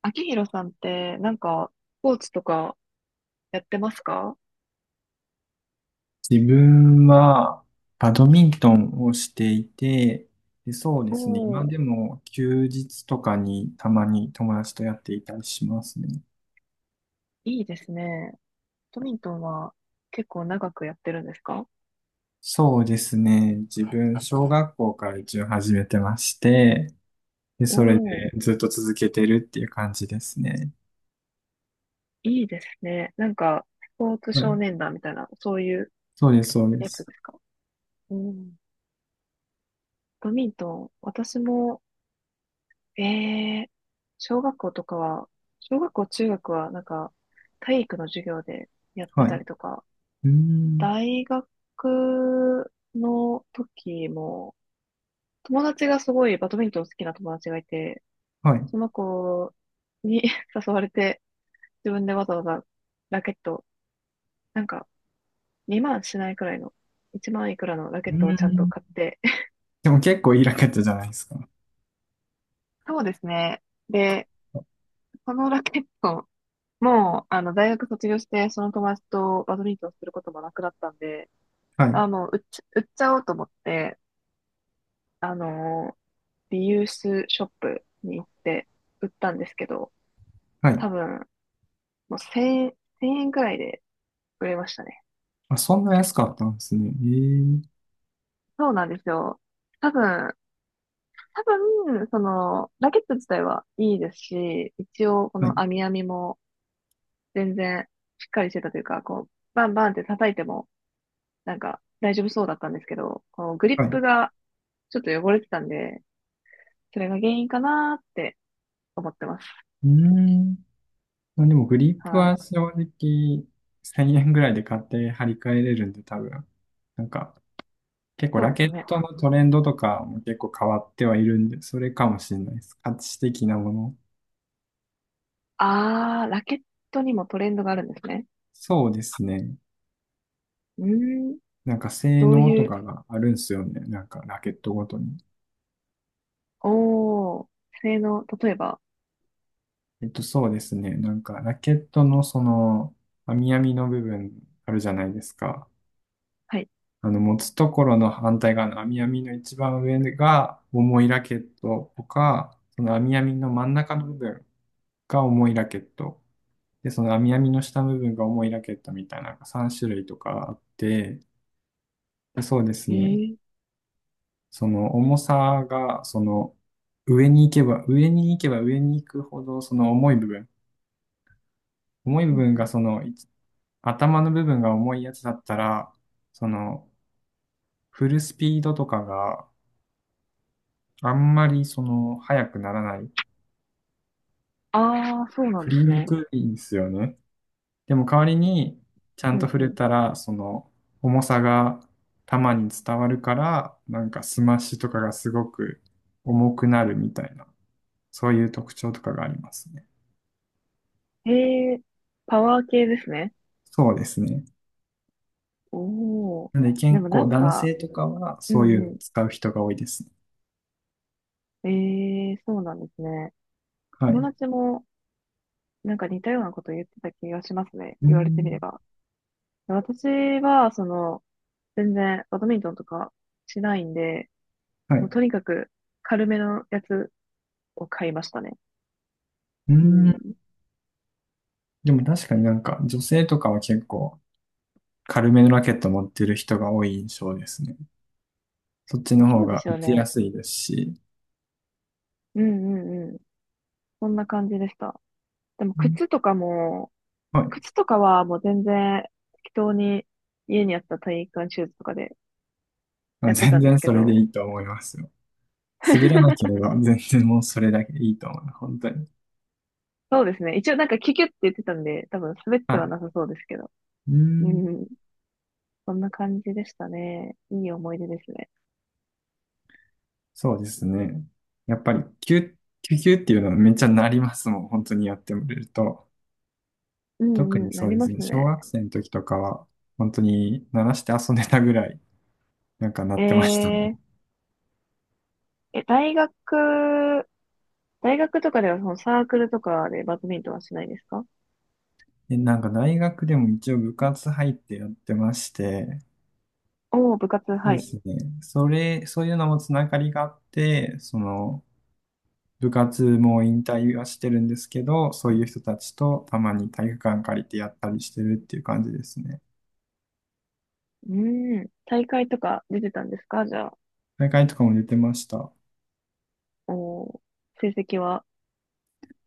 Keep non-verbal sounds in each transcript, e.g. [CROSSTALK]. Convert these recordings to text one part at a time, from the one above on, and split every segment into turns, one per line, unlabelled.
秋広さんって、なんか、スポーツとかやってますか？
自分はバドミントンをしていて、そうで
お
すね。今で
ー、
も休日とかにたまに友達とやっていたりしますね。
いいですね。トミントンは結構長くやってるんですか？
そうですね。自分、小学校から一応始めてまして、
お
それで
ー、
ずっと続けてるっていう感じですね。
いいですね。なんか、スポーツ
は
少
い。
年団みたいな、そういう
そうです、そうで
やつ
す。
ですか？うん。トミントン、私も、ええ、小学校とかは、小学校、中学は、なんか、体育の授業でやって
はい。
たり
う
とか、
ーん。
大学の時も、友達がすごいバドミントン好きな友達がいて、
はい。う
その子に [LAUGHS] 誘われて、自分でわざわざラケット、なんか2万しないくらいの、1万いくらのラケ
ー
ットをちゃんと
ん。
買って、[LAUGHS]
でも結構いいラケットじゃないですか。
そうですね。で、そのラケット、もう、あの、大学卒業して、その友達とバドミントンすることもなくなったんで、
はい。
あの、売っちゃおうと思って、あの、リユースショップに行って売ったんですけど、
はい。
多分、もう1円、1000円くらいで、くれましたね。
あ、そんな安かったんですね。
そうなんですよ。多分、多分、その、ラケット自体はいいですし、一応、こ
ええ、は
の
い。
網網も全然しっかりしてたというか、こう、バンバンって叩いても、なんか大丈夫そうだったんですけど、このグリ
は
ップ
い、
がちょっと汚れてたんで、それが原因かなーって思ってます。
うーん。まあ、でもグリップ
はい。
は正直1000円ぐらいで買って張り替えれるんで多分。なんか結構
そう
ラ
で
ケ
す
ッ
ね。
トのトレンドとかも結構変わってはいるんで、それかもしれないです。価値的なもの。
あー、ラケットにもトレンドがあるんですね。
そうですね。
うーん、
なんか性
どう
能と
いう、
かがあるんすよね。なんかラケットごとに。
おー、性能、例えば、
そうですね。なんかラケットのその網み編みの部分あるじゃないですか。
はい。
あの、持つところの反対側の網やみの一番上が重いラケットとか、その網やみの真ん中の部分が重いラケット。で、その網やみの下の部分が重いラケットみたいな3種類とかあって、で、そうです
え
ね。
ー、
その重さが、その上に行けば上に行くほど、その重い部分。重い部
うん
分
う
が
ん、
その、い頭の部分が重いやつだったら、その、フルスピードとかがあんまりその早くならない。
ああ、そうなん
振
で
り
す
に
ね。
くいんですよね。でも代わりにちゃ
う
んと
ん
振
う
れ
ん。
たら、その重さが球に伝わるから、なんかスマッシュとかがすごく重くなるみたいな、そういう特徴とかがありますね。
へえ、パワー系ですね。
そうですね。
おお。
なので
で
健
もな
康、
ん
男
か、
性とかは
う
そういう
ん
の
う
を使う人が多いですね。
ん。ええ、そうなんですね。
は
友
い。
達もなんか似たようなこと言ってた気がしますね。
うー
言われてみれ
ん。
ば。私は、その、全然バドミントンとかしないんで、
はい。
もう
う
とにかく軽めのやつを買いましたね。
ー
う
ん。
ん。
でも確かになんか女性とかは結構軽めのラケット持ってる人が多い印象ですね。そっちの方
そうで
が
す
打
よ
ちや
ね。
すいですし。
うんうんうん。そんな感じでした。でも
うん、
靴とかも、
はい。
靴とかはもう全然適当に家にあった体育館シューズとかで
あ、
やってた
全
んで
然
すけ
それで
ど、
いいと思いますよ。滑らなけ
[LAUGHS]
れば全然もうそれだけでいいと思います。本当に。
そうですね。一応なんかキュキュって言ってたんで、多分滑っ
は
ては
い。
なさそうですけど。
うー
う
ん。
ん。そんな感じでしたね。いい思い出ですね。
そうですね。やっぱり、キュッ、キュキュっていうのはめっちゃなりますもん。本当にやってみると。
う
特
んう
に
ん、な
そう
り
で
ま
すね。
す
小
ね。
学生の時とかは、本当に鳴らして遊んでたぐらい、なんか鳴
え
ってましたね。
ー、え、大学、大学とかではそのサークルとかでバドミントンはしないですか？
で、なんか大学でも一応部活入ってやってまして、
おおー、部活、
そう
は
で
い。
すね。そういうのもつながりがあって、その、部活も引退はしてるんですけど、そういう人たちとたまに体育館借りてやったりしてるっていう感じですね。
うん。大会とか出てたんですかじゃあ？
大会とかも出てました。
おー、成績は？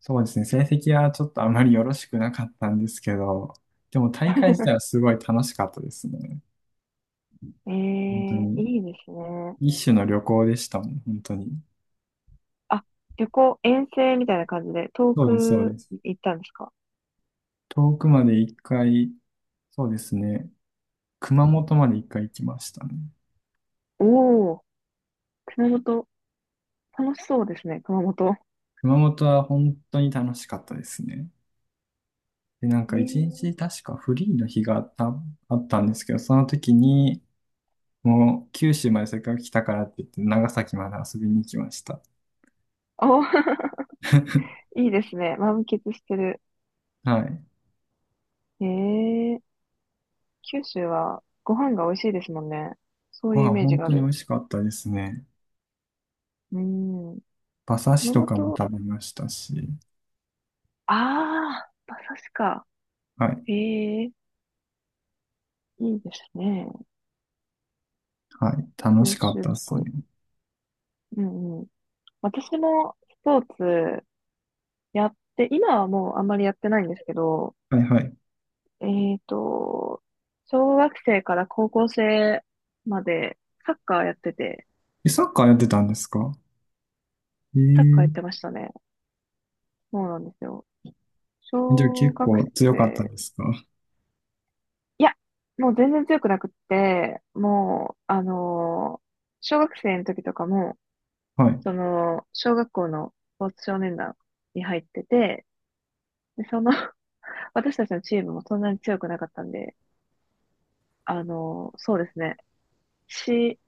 そうですね。成績はちょっとあまりよろしくなかったんですけど、でも大会自体はすごい楽しかったですね。
え
本当
え、
に。
いいですね。
一種の旅行でしたもん、本当に。
あ、旅行、遠征みたいな感じで、遠
そうです、そう
く
です。
行ったんですか？
遠くまで一回、そうですね。熊本まで一回行きましたね。
おおー、熊本、楽しそうですね、熊本。
熊本は本当に楽しかったですね。で、なんか
え
一日
え、
確かフリーの日があったんですけど、その時に、もう九州までせっかく来たからって言って、長崎まで遊びに行きました。
あ、[LAUGHS]
[LAUGHS]
いいですね。満喫してる。
はい。
ええ、九州はご飯が美味しいですもんね。そう
ご
いうイ
飯
メージ
本
があ
当に美
る。
味しかったですね。
うん。
馬刺し
熊
とかも
本、
食べましたし。
ああ、馬刺しか。
はい。
ええ、いいですね。
はい。楽
九
しかっ
州っ
たです
ぽ
ね。
い。うんうん。私もスポーツやって、今はもうあんまりやってないんですけど、
はい、はい。
えっと、小学生から高校生までサッカーやってて、
え、サッカーやってたんですか？え
サッカ
え
ーやっ
ー、
てましたね。そうなんですよ。
じゃあ
小
結
学
構強かった
生、
ですか？
いや、もう全然強くなくって、もう、小学生の時とかも、
はい。
その、小学校のスポーツ少年団に入ってて、で、その [LAUGHS] 私たちのチームもそんなに強くなかったんで、そうですね。し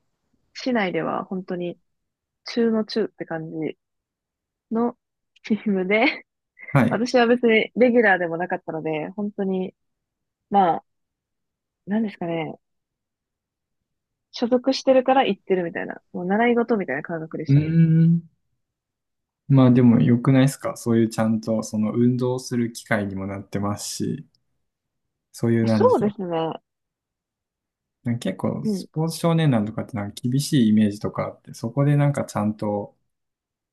市内では本当に中の中って感じの [LAUGHS] チームで、[LAUGHS]
はい。
私は別にレギュラーでもなかったので、本当に、まあ、なんですかね、所属してるから行ってるみたいな、もう習い事みたいな感覚で
う
し
ー
たね。
ん。まあでも良くないですか、そういうちゃんとその運動する機会にもなってますし、そういう、なんで
そう
しょう。
ですね。
なんか結構
う
ス
ん。
ポーツ少年団とかってなんか厳しいイメージとかあって、そこでなんかちゃんと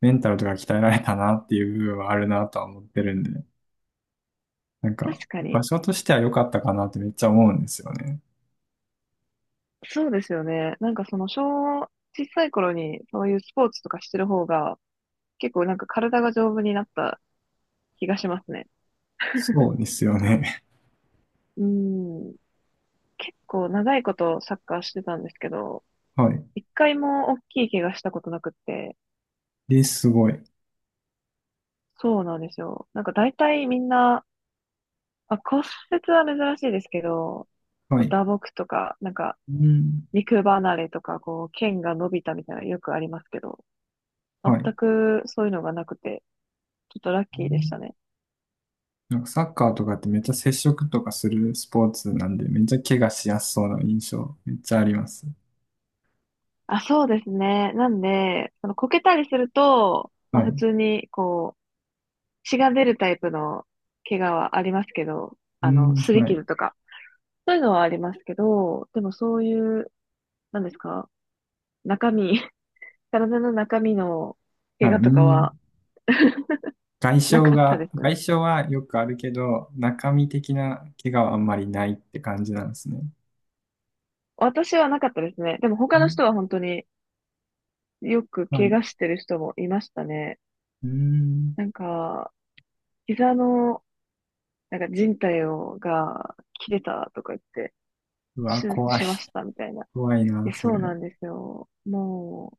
メンタルとか鍛えられたなっていう部分はあるなとは思ってるんで、なん
確
か
か
場
に。
所としては良かったかなってめっちゃ思うんですよね。
そうですよね。なんかその小さい頃にそういうスポーツとかしてる方が、結構なんか体が丈夫になった気がしますね。
そうですよね。
うん。結構長いことサッカーしてたんですけど、
[LAUGHS] はい。
一回も大きい怪我したことなくって、
で、すごい。
そうなんですよ。なんか大体みんな、まあ、骨折は珍しいですけど、
は
こう
い。
打撲とか、なんか
うん。
肉離れとか、こう、剣が伸びたみたいなのよくありますけど、
はい。
全くそういうのがなくて、ちょっとラッ
う
キーでした
ん。
ね。
なんかサッカーとかってめっちゃ接触とかするスポーツなんで、めっちゃ怪我しやすそうな印象、めっちゃあります。
あ、そうですね。なんで、そのこけたりすると、ま
は
あ
い。
普
う
通に、こう、血が出るタイプの怪我はありますけど、
ー
あの、
ん、
擦り
はい。
傷とか、そういうのはありますけど、でもそういう、なんですか、中身、[LAUGHS] 体の中身の
は
怪
い、う
我とか
ーん。
は
外傷
なかった
が、
ですね。
外傷はよくあるけど、中身的な怪我はあんまりないって感じなんですね。
私はなかったですね。でも
う
他の
ん、
人は本当によく
はい。
怪
う
我してる人もいましたね。
ーん。
なんか、膝の、なんか靭帯をが切れたとか言って、
うわ、
手術
怖い。
しましたみたいな。
怖い
い
な、
や、
そ
そうな
れ。
んですよ。もう、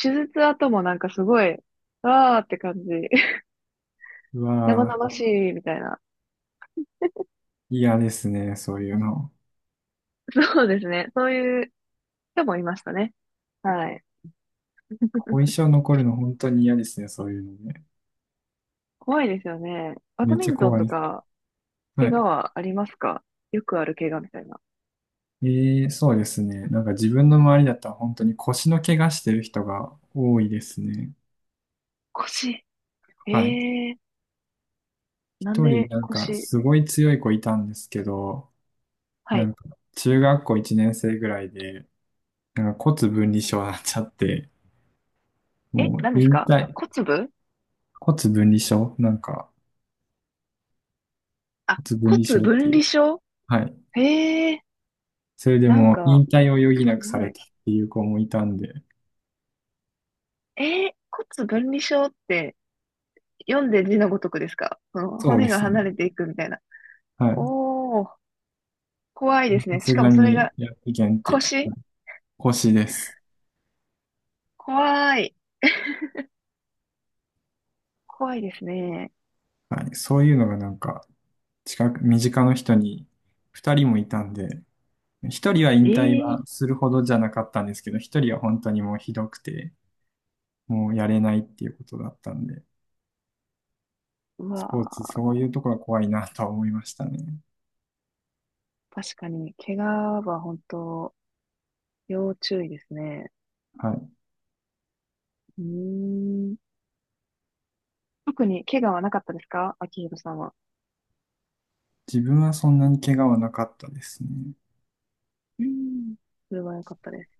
手術後もなんかすごい、わーって感じ。[LAUGHS]
う
生
わ、
々しいみたいな。
嫌ですね、そういうの。
そうですね。そういう人もいましたね。はい。
後遺症残るの本当に嫌ですね、そういうのね。
怖いですよね。バ
め
ド
っ
ミ
ちゃ
ントン
怖
と
い。
か、
は
怪我
い。
はありますか？よくある怪我みたいな。
ええ、そうですね。なんか自分の周りだったら本当に腰の怪我してる人が多いですね。
腰。え
はい。
えー、なん
一人
で
なんか
腰？
すごい強い子いたんですけど、
は
な
い。
んか中学校1年生ぐらいで、なんか骨分離症になっちゃって、
え、
もう
何です
引
か？
退、骨分離症、なんか
あ、
骨分離
骨
症って
分
いう。
離症、
はい。
ええー、
それで
なん
もう引
か、
退を余儀な
す
くさ
ご
れ
い。
たっていう子もいたんで、
骨分離症って読んで字のごとくですか？その
そう
骨
で
が
すね。
離れていくみたいな。
はい。
おー、怖いです
さ
ね。し
す
か
が
もそれ
に
が
やってけんって。
腰？
腰です。
怖い。怖いですね。
はい。そういうのがなんか、近く、身近の人に2人もいたんで、1人は
え
引退
え
は
ー、
するほどじゃなかったんですけど、1人は本当にもうひどくて、もうやれないっていうことだったんで、
う
スポーツ、
わ
そういうところは怖いなとは思いましたね。
ー、確かに、怪我は本当、要注意ですね。
はい。
うーん。特に怪我はなかったですか秋広さんは？
自分はそんなに怪我はなかったですね。
うん。それは良かったです。